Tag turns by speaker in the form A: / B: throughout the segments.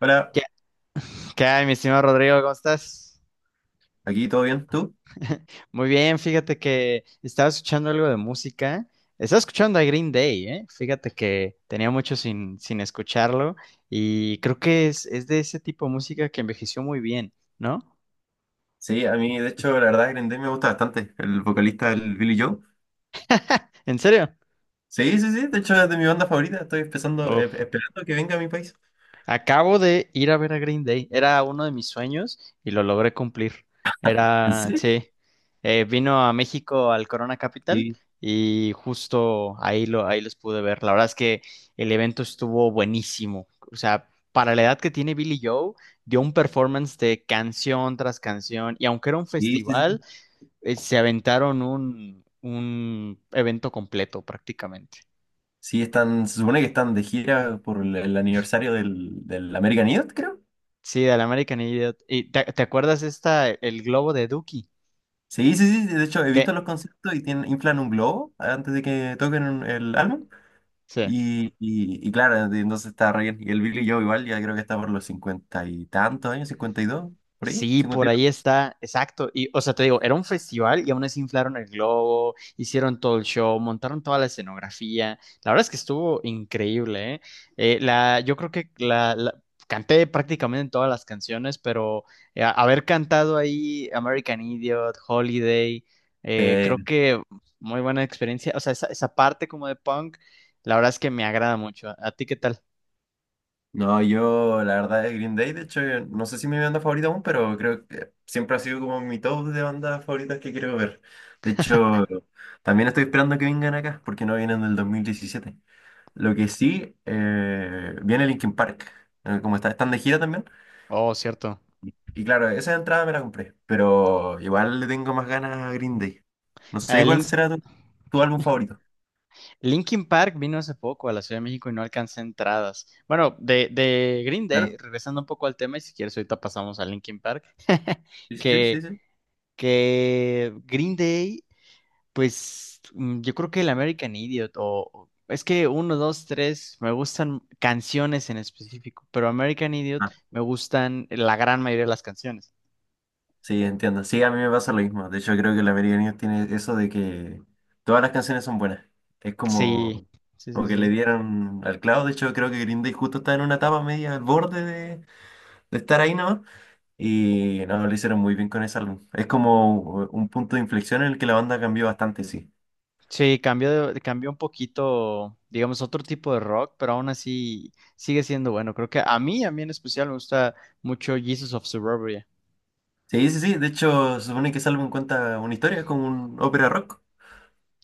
A: Hola,
B: ¿Qué, qué hay, mi estimado Rodrigo? ¿Cómo estás?
A: aquí todo bien, ¿tú?
B: Muy bien, fíjate que estaba escuchando algo de música. Estaba escuchando a Green Day, ¿eh? Fíjate que tenía mucho sin escucharlo y creo que es de ese tipo de música que envejeció muy bien, ¿no?
A: Sí, a mí de hecho la verdad Green Day me gusta bastante, el vocalista el Billy Joe.
B: ¿En serio?
A: Sí, sí, sí, de hecho es de mi banda favorita, estoy empezando,
B: Uf.
A: esperando que venga a mi país.
B: Acabo de ir a ver a Green Day. Era uno de mis sueños y lo logré cumplir.
A: ¿En
B: Era,
A: serio?
B: sí, vino a México al Corona Capital
A: Sí,
B: y justo ahí ahí los pude ver. La verdad es que el evento estuvo buenísimo. O sea, para la edad que tiene Billy Joe, dio un performance de canción tras canción y aunque era un
A: sí, sí,
B: festival,
A: sí.
B: se aventaron un evento completo prácticamente.
A: Sí, están, se supone que están de gira por el aniversario del American Idiot, creo.
B: Sí, del American Idiot. ¿Y te acuerdas esta, el globo de Dookie?
A: Sí, sí, sí, de hecho he visto
B: ¿Qué?
A: los conciertos y tienen, inflan un globo antes de que toquen el álbum.
B: Sí.
A: Y claro, entonces está re bien. Y el Billy Joe igual ya creo que está por los cincuenta y tantos años, cincuenta y dos, por ahí.
B: Sí, por ahí está, exacto. Y, o sea, te digo, era un festival y aún así inflaron el globo, hicieron todo el show, montaron toda la escenografía. La verdad es que estuvo increíble, ¿eh? Yo creo que canté prácticamente todas las canciones, pero haber cantado ahí American Idiot, Holiday,
A: Eh,
B: creo que muy buena experiencia. O sea, esa parte como de punk, la verdad es que me agrada mucho. ¿A ti qué tal?
A: no, yo la verdad es Green Day, de hecho, no sé si mi banda favorita aún, pero creo que siempre ha sido como mi top de bandas favoritas que quiero ver. De hecho, también estoy esperando que vengan acá, porque no vienen del 2017. Lo que sí, viene Linkin Park, como está, están de gira también.
B: Oh, cierto.
A: Y claro, esa entrada me la compré, pero igual le tengo más ganas a Green Day. No sé cuál
B: El
A: será tu álbum favorito.
B: Linkin Park vino hace poco a la Ciudad de México y no alcancé entradas. Bueno, de Green Day,
A: Claro.
B: regresando un poco al tema, y si quieres ahorita pasamos a Linkin Park,
A: Sí, sí, sí, sí,
B: que,
A: sí.
B: que Green Day, pues mm, yo creo que el American Idiot, es que uno, dos, 3, me gustan canciones en específico, pero American Idiot me gustan la gran mayoría de las canciones.
A: Sí, entiendo. Sí, a mí me pasa lo mismo. De hecho, creo que la American Idiot tiene eso de que todas las canciones son buenas. Es
B: Sí,
A: como,
B: sí, sí,
A: como que le
B: sí.
A: dieron al clavo. De hecho, creo que Green Day justo está en una etapa media al borde de estar ahí, ¿no? Y no, lo hicieron muy bien con ese álbum. Es como un punto de inflexión en el que la banda cambió bastante, sí.
B: Sí, cambió, cambió un poquito, digamos, otro tipo de rock, pero aún así sigue siendo bueno. Creo que a mí en especial, me gusta mucho Jesus of Suburbia.
A: Sí, sí, sí. De hecho, se supone que ese álbum cuenta una historia, es como un ópera rock.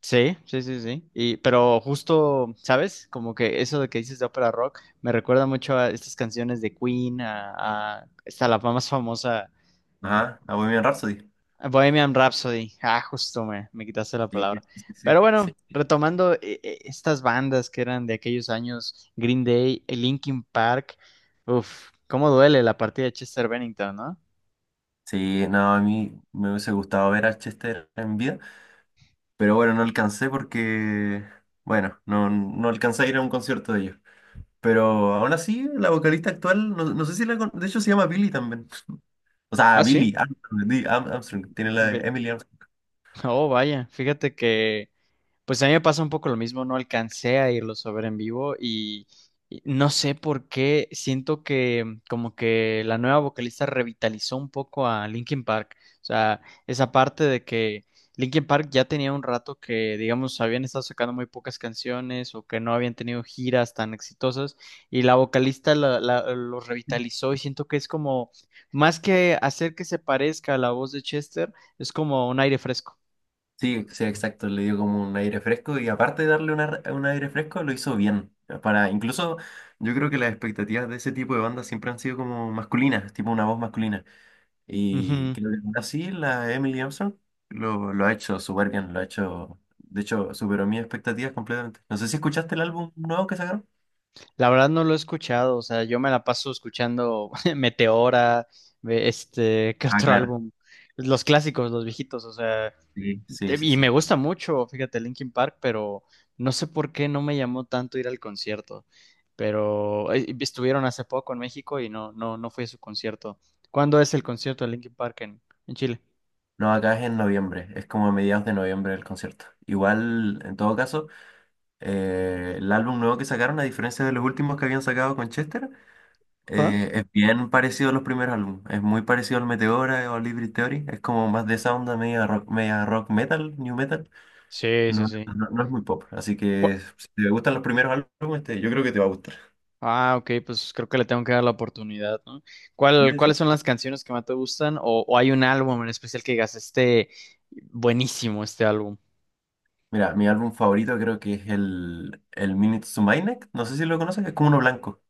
B: Sí, sí, sí, sí. Y, pero justo, ¿sabes? Como que eso de que dices de ópera rock me recuerda mucho a estas canciones de Queen, está la más famosa
A: Ajá, a Bohemian Rhapsody.
B: Bohemian Rhapsody. Ah, me quitaste la
A: Sí, sí,
B: palabra.
A: sí, sí.
B: Pero bueno,
A: Sí.
B: retomando estas bandas que eran de aquellos años, Green Day, Linkin Park. Uf, cómo duele la partida de Chester Bennington, ¿no?
A: Sí, no, a mí me hubiese gustado ver a Chester en vida. Pero bueno, no alcancé porque, bueno, no alcancé a ir a un concierto de ellos. Pero aún así, la vocalista actual, no sé si la... De hecho, se llama Billy también. O sea,
B: Ah, sí.
A: Billy Armstrong, Armstrong, tiene la de
B: Ve-
A: Emily Armstrong.
B: Oh, vaya, fíjate que pues a mí me pasa un poco lo mismo, no alcancé a irlos a ver en vivo y no sé por qué, siento que como que la nueva vocalista revitalizó un poco a Linkin Park, o sea, esa parte de que Linkin Park ya tenía un rato que, digamos, habían estado sacando muy pocas canciones o que no habían tenido giras tan exitosas y la vocalista los revitalizó y siento que es como, más que hacer que se parezca a la voz de Chester, es como un aire fresco.
A: Sí, sí, exacto, le dio como un aire fresco y aparte de darle un aire fresco, lo hizo bien. Para, incluso yo creo que las expectativas de ese tipo de bandas siempre han sido como masculinas, tipo una voz masculina. Y
B: Ujú.
A: creo que ahora sí, la Emily Armstrong lo ha hecho súper bien, lo ha hecho, de hecho, superó mis expectativas completamente. No sé si escuchaste el álbum nuevo que sacaron.
B: La verdad no lo he escuchado, o sea, yo me la paso escuchando Meteora, ¿qué
A: Ah,
B: otro
A: claro,
B: álbum? Los clásicos, los viejitos, o sea,
A: sí, sí, sí,
B: y me
A: sí.
B: gusta mucho, fíjate, Linkin Park, pero no sé por qué no me llamó tanto ir al concierto, pero estuvieron hace poco en México y no fui a su concierto. ¿Cuándo es el concierto de Linkin Park en Chile?
A: No, acá es en noviembre, es como a mediados de noviembre el concierto. Igual, en todo caso, el álbum nuevo que sacaron, a diferencia de los últimos que habían sacado con Chester,
B: ¿Ah?
A: es bien parecido a los primeros álbumes. Es muy parecido al Meteora o al Hybrid Theory, es como más de esa onda media rock metal, new metal.
B: Sí,
A: No,
B: sí, sí.
A: no, no no es muy pop, así
B: ¿Cu-
A: que si te gustan los primeros álbumes, yo creo que te va a gustar.
B: Ah, ok, pues creo que le tengo que dar la oportunidad, ¿no?
A: Sí,
B: ¿Cuál,
A: sí, sí.
B: cuáles son las canciones que más te gustan? O hay un álbum en especial que digas, este, buenísimo este álbum?
A: Mira, mi álbum favorito creo que es el Minutes to My, no sé si lo conoces, es como uno blanco.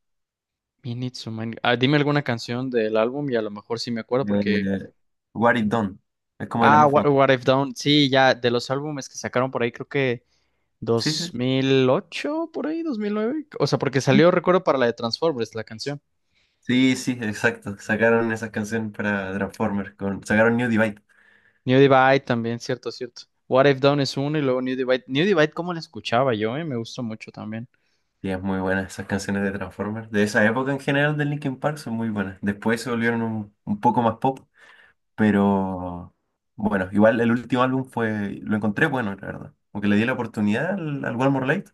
B: You Need Someone- Ah, dime alguna canción del álbum y a lo mejor sí me acuerdo porque...
A: Eh, What It Done, es como de las
B: Ah,
A: más famosas.
B: What I've Done, sí, ya, de los álbumes que sacaron por ahí, creo que
A: Sí, sí,
B: 2008 por ahí, 2009. O sea, porque
A: sí.
B: salió, recuerdo, para la de Transformers, la canción.
A: Sí, sí, exacto. Sacaron esas canciones para Transformers, con, sacaron New Divide.
B: New Divide también, cierto, cierto. What I've Done es uno y luego New Divide. New Divide, ¿cómo la escuchaba yo? ¿Eh? Me gustó mucho también.
A: Y es muy buena esas canciones de Transformers. De esa época en general de Linkin Park son muy buenas. Después se volvieron un poco más pop. Pero bueno, igual el último álbum fue, lo encontré bueno, la verdad. Porque le di la oportunidad al One More Light.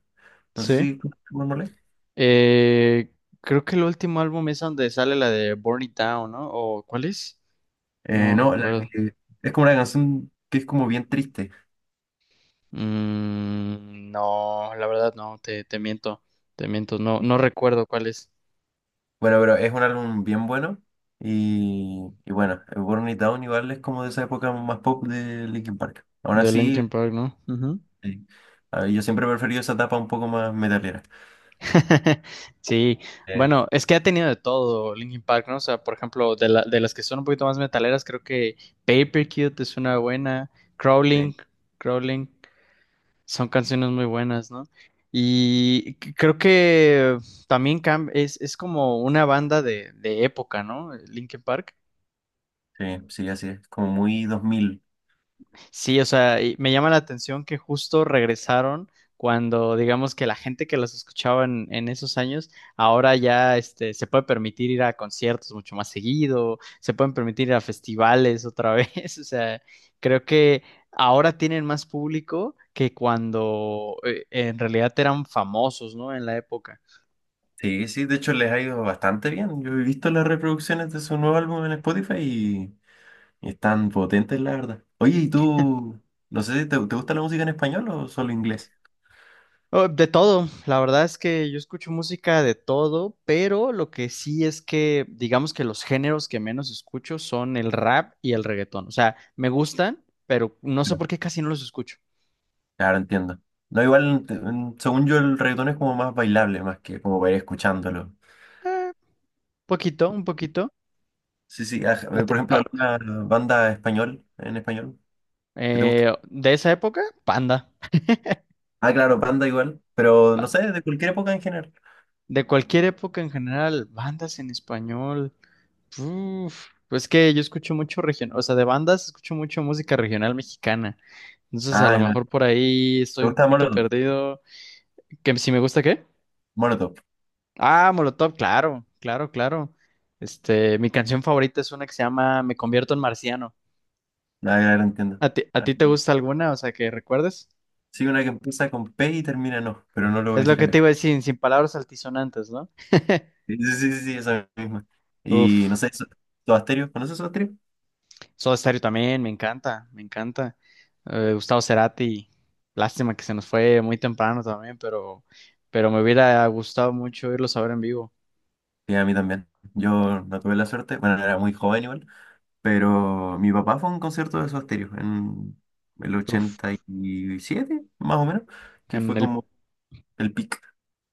A: No sé
B: Sí.
A: si conoces One More Light.
B: Eh, creo que el último álbum es donde sale la de Burn It Down, ¿no? ¿O cuál es? No
A: No, la
B: recuerdo.
A: que- es como una canción que es como bien triste.
B: Mm, no, la verdad no, te miento, no,
A: Y-
B: no recuerdo cuál es.
A: Bueno, pero es un álbum bien bueno. Y bueno, el Burn It Down igual es como de esa época más pop de Linkin Park. Aún
B: De
A: así,
B: Linkin Park, ¿no? Ujú.
A: eh, yo siempre he preferido esa etapa un poco más metalera.
B: Sí,
A: Eh,
B: bueno, es que ha tenido de todo Linkin Park, ¿no? O sea, por ejemplo, de las que son un poquito más metaleras, creo que Paper Cute es una buena, Crawling,
A: sí,
B: Crawling. Son canciones muy buenas, ¿no? Y creo que también es como una banda de época, ¿no? Linkin Park.
A: sí, sí, así es. Como muy dos mil.
B: Sí, o sea, y me llama la atención que justo regresaron cuando, digamos que la gente que los escuchaba en esos años, ahora ya este, se puede permitir ir a conciertos mucho más seguido, se pueden permitir ir a festivales otra vez, o sea, creo que ahora tienen más público que cuando en realidad eran famosos, ¿no? En la época.
A: Sí, sí, de hecho les ha ido bastante bien. Yo he visto las reproducciones de su nuevo álbum en Spotify y están potentes, la verdad. Oye, ¿y tú? No sé, te gusta la música en español o solo inglés?
B: Oh, de todo, la verdad es que yo escucho música de todo, pero lo que sí es que digamos que los géneros que menos escucho son el rap y el reggaetón. O sea, me gustan, pero no sé
A: Claro,
B: por qué casi no los escucho.
A: claro, entiendo. No, igual, según yo, el reggaetón es como más bailable, más que como para ir escuchándolo.
B: Eh, un poquito.
A: Sí, sí,
B: A ti-
A: por ejemplo,
B: a-
A: ¿alguna banda español, en español, que te gusta?
B: de esa época, Panda.
A: Ah, claro, banda igual, pero no sé, de cualquier época en general.
B: De cualquier época en general, bandas en español. Uf, pues que yo escucho mucho regional, o sea, de bandas escucho mucho música regional mexicana. Entonces, a
A: Ah,
B: lo
A: ya,
B: mejor por ahí estoy
A: ¿te
B: un
A: gusta
B: poquito
A: Molotov?
B: perdido. ¿Que si me gusta qué?
A: Molotov,
B: Ah, Molotov, claro, claro, claro. Este, mi canción favorita es una que se llama Me convierto en marciano.
A: ah, claro, entiendo.
B: A ti te gusta alguna? O sea, que recuerdes.
A: Sí, una que empieza con P y termina en O, pero no lo voy a
B: Es lo
A: decir
B: que te
A: acá.
B: iba a decir, sin palabras altisonantes, ¿no?
A: Sí, sí, sí, sí, sí, esa misma. Y no
B: Uf.
A: sé, Soda, ¿conoces Soda?
B: Soda Stereo también, me encanta, me encanta. Gustavo Cerati, lástima que se nos fue muy temprano también, pero me hubiera gustado mucho irlos a ver en vivo.
A: Sí, a mí también. Yo no tuve la suerte, bueno, era muy joven igual, pero mi papá fue a un concierto de Soda en el
B: Uf,
A: 87, más o menos, que
B: en
A: fue
B: el,
A: como el pic.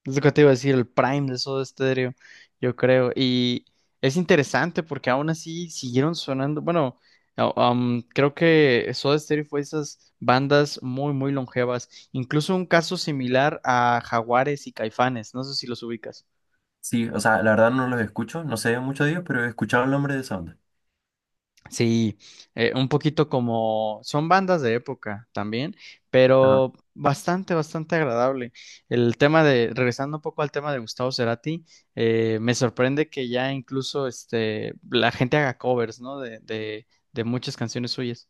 B: es lo que te iba a decir, el prime de Soda Stereo, yo creo. Y es interesante porque aún así siguieron sonando. Bueno, no, creo que Soda Stereo fue esas bandas muy, muy longevas. Incluso un caso similar a Jaguares y Caifanes, no sé si los ubicas.
A: Sí, o sea, la verdad no los escucho, no sé mucho de ellos, pero he escuchado el nombre de esa onda.
B: Sí, un poquito como son bandas de época también,
A: Ajá.
B: pero bastante, bastante agradable. El tema de, regresando un poco al tema de Gustavo Cerati, me sorprende que ya incluso este, la gente haga covers, ¿no? De muchas canciones suyas.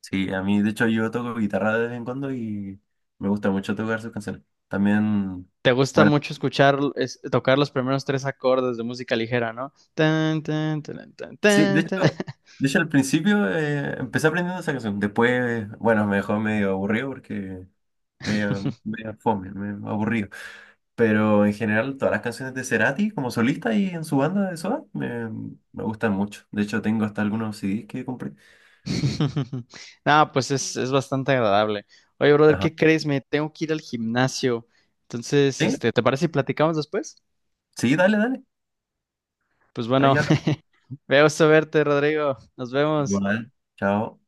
A: Sí, a mí, de hecho, yo toco guitarra de vez en cuando y me gusta mucho tocar sus canciones. También...
B: Te gusta
A: bueno.
B: mucho escuchar, tocar los primeros tres acordes de música ligera, ¿no? Tan, tan, tan, tan,
A: Sí,
B: tan, tan.
A: de hecho al principio empecé aprendiendo esa canción. Después, bueno, me dejó medio aburrido porque medio fome, medio aburrido. Pero en general, todas las canciones de Cerati como solista y en su banda de Soda me gustan mucho. De hecho, tengo hasta algunos CDs que compré.
B: No, pues es bastante agradable. Oye, brother,
A: Ajá.
B: ¿qué crees? Me tengo que ir al gimnasio. Entonces,
A: ¿Sí?
B: este, ¿te parece si platicamos después?
A: Sí, dale, dale.
B: Pues bueno,
A: Ahí habla.
B: veo a verte, Rodrigo. Nos vemos.
A: Igual. Chao.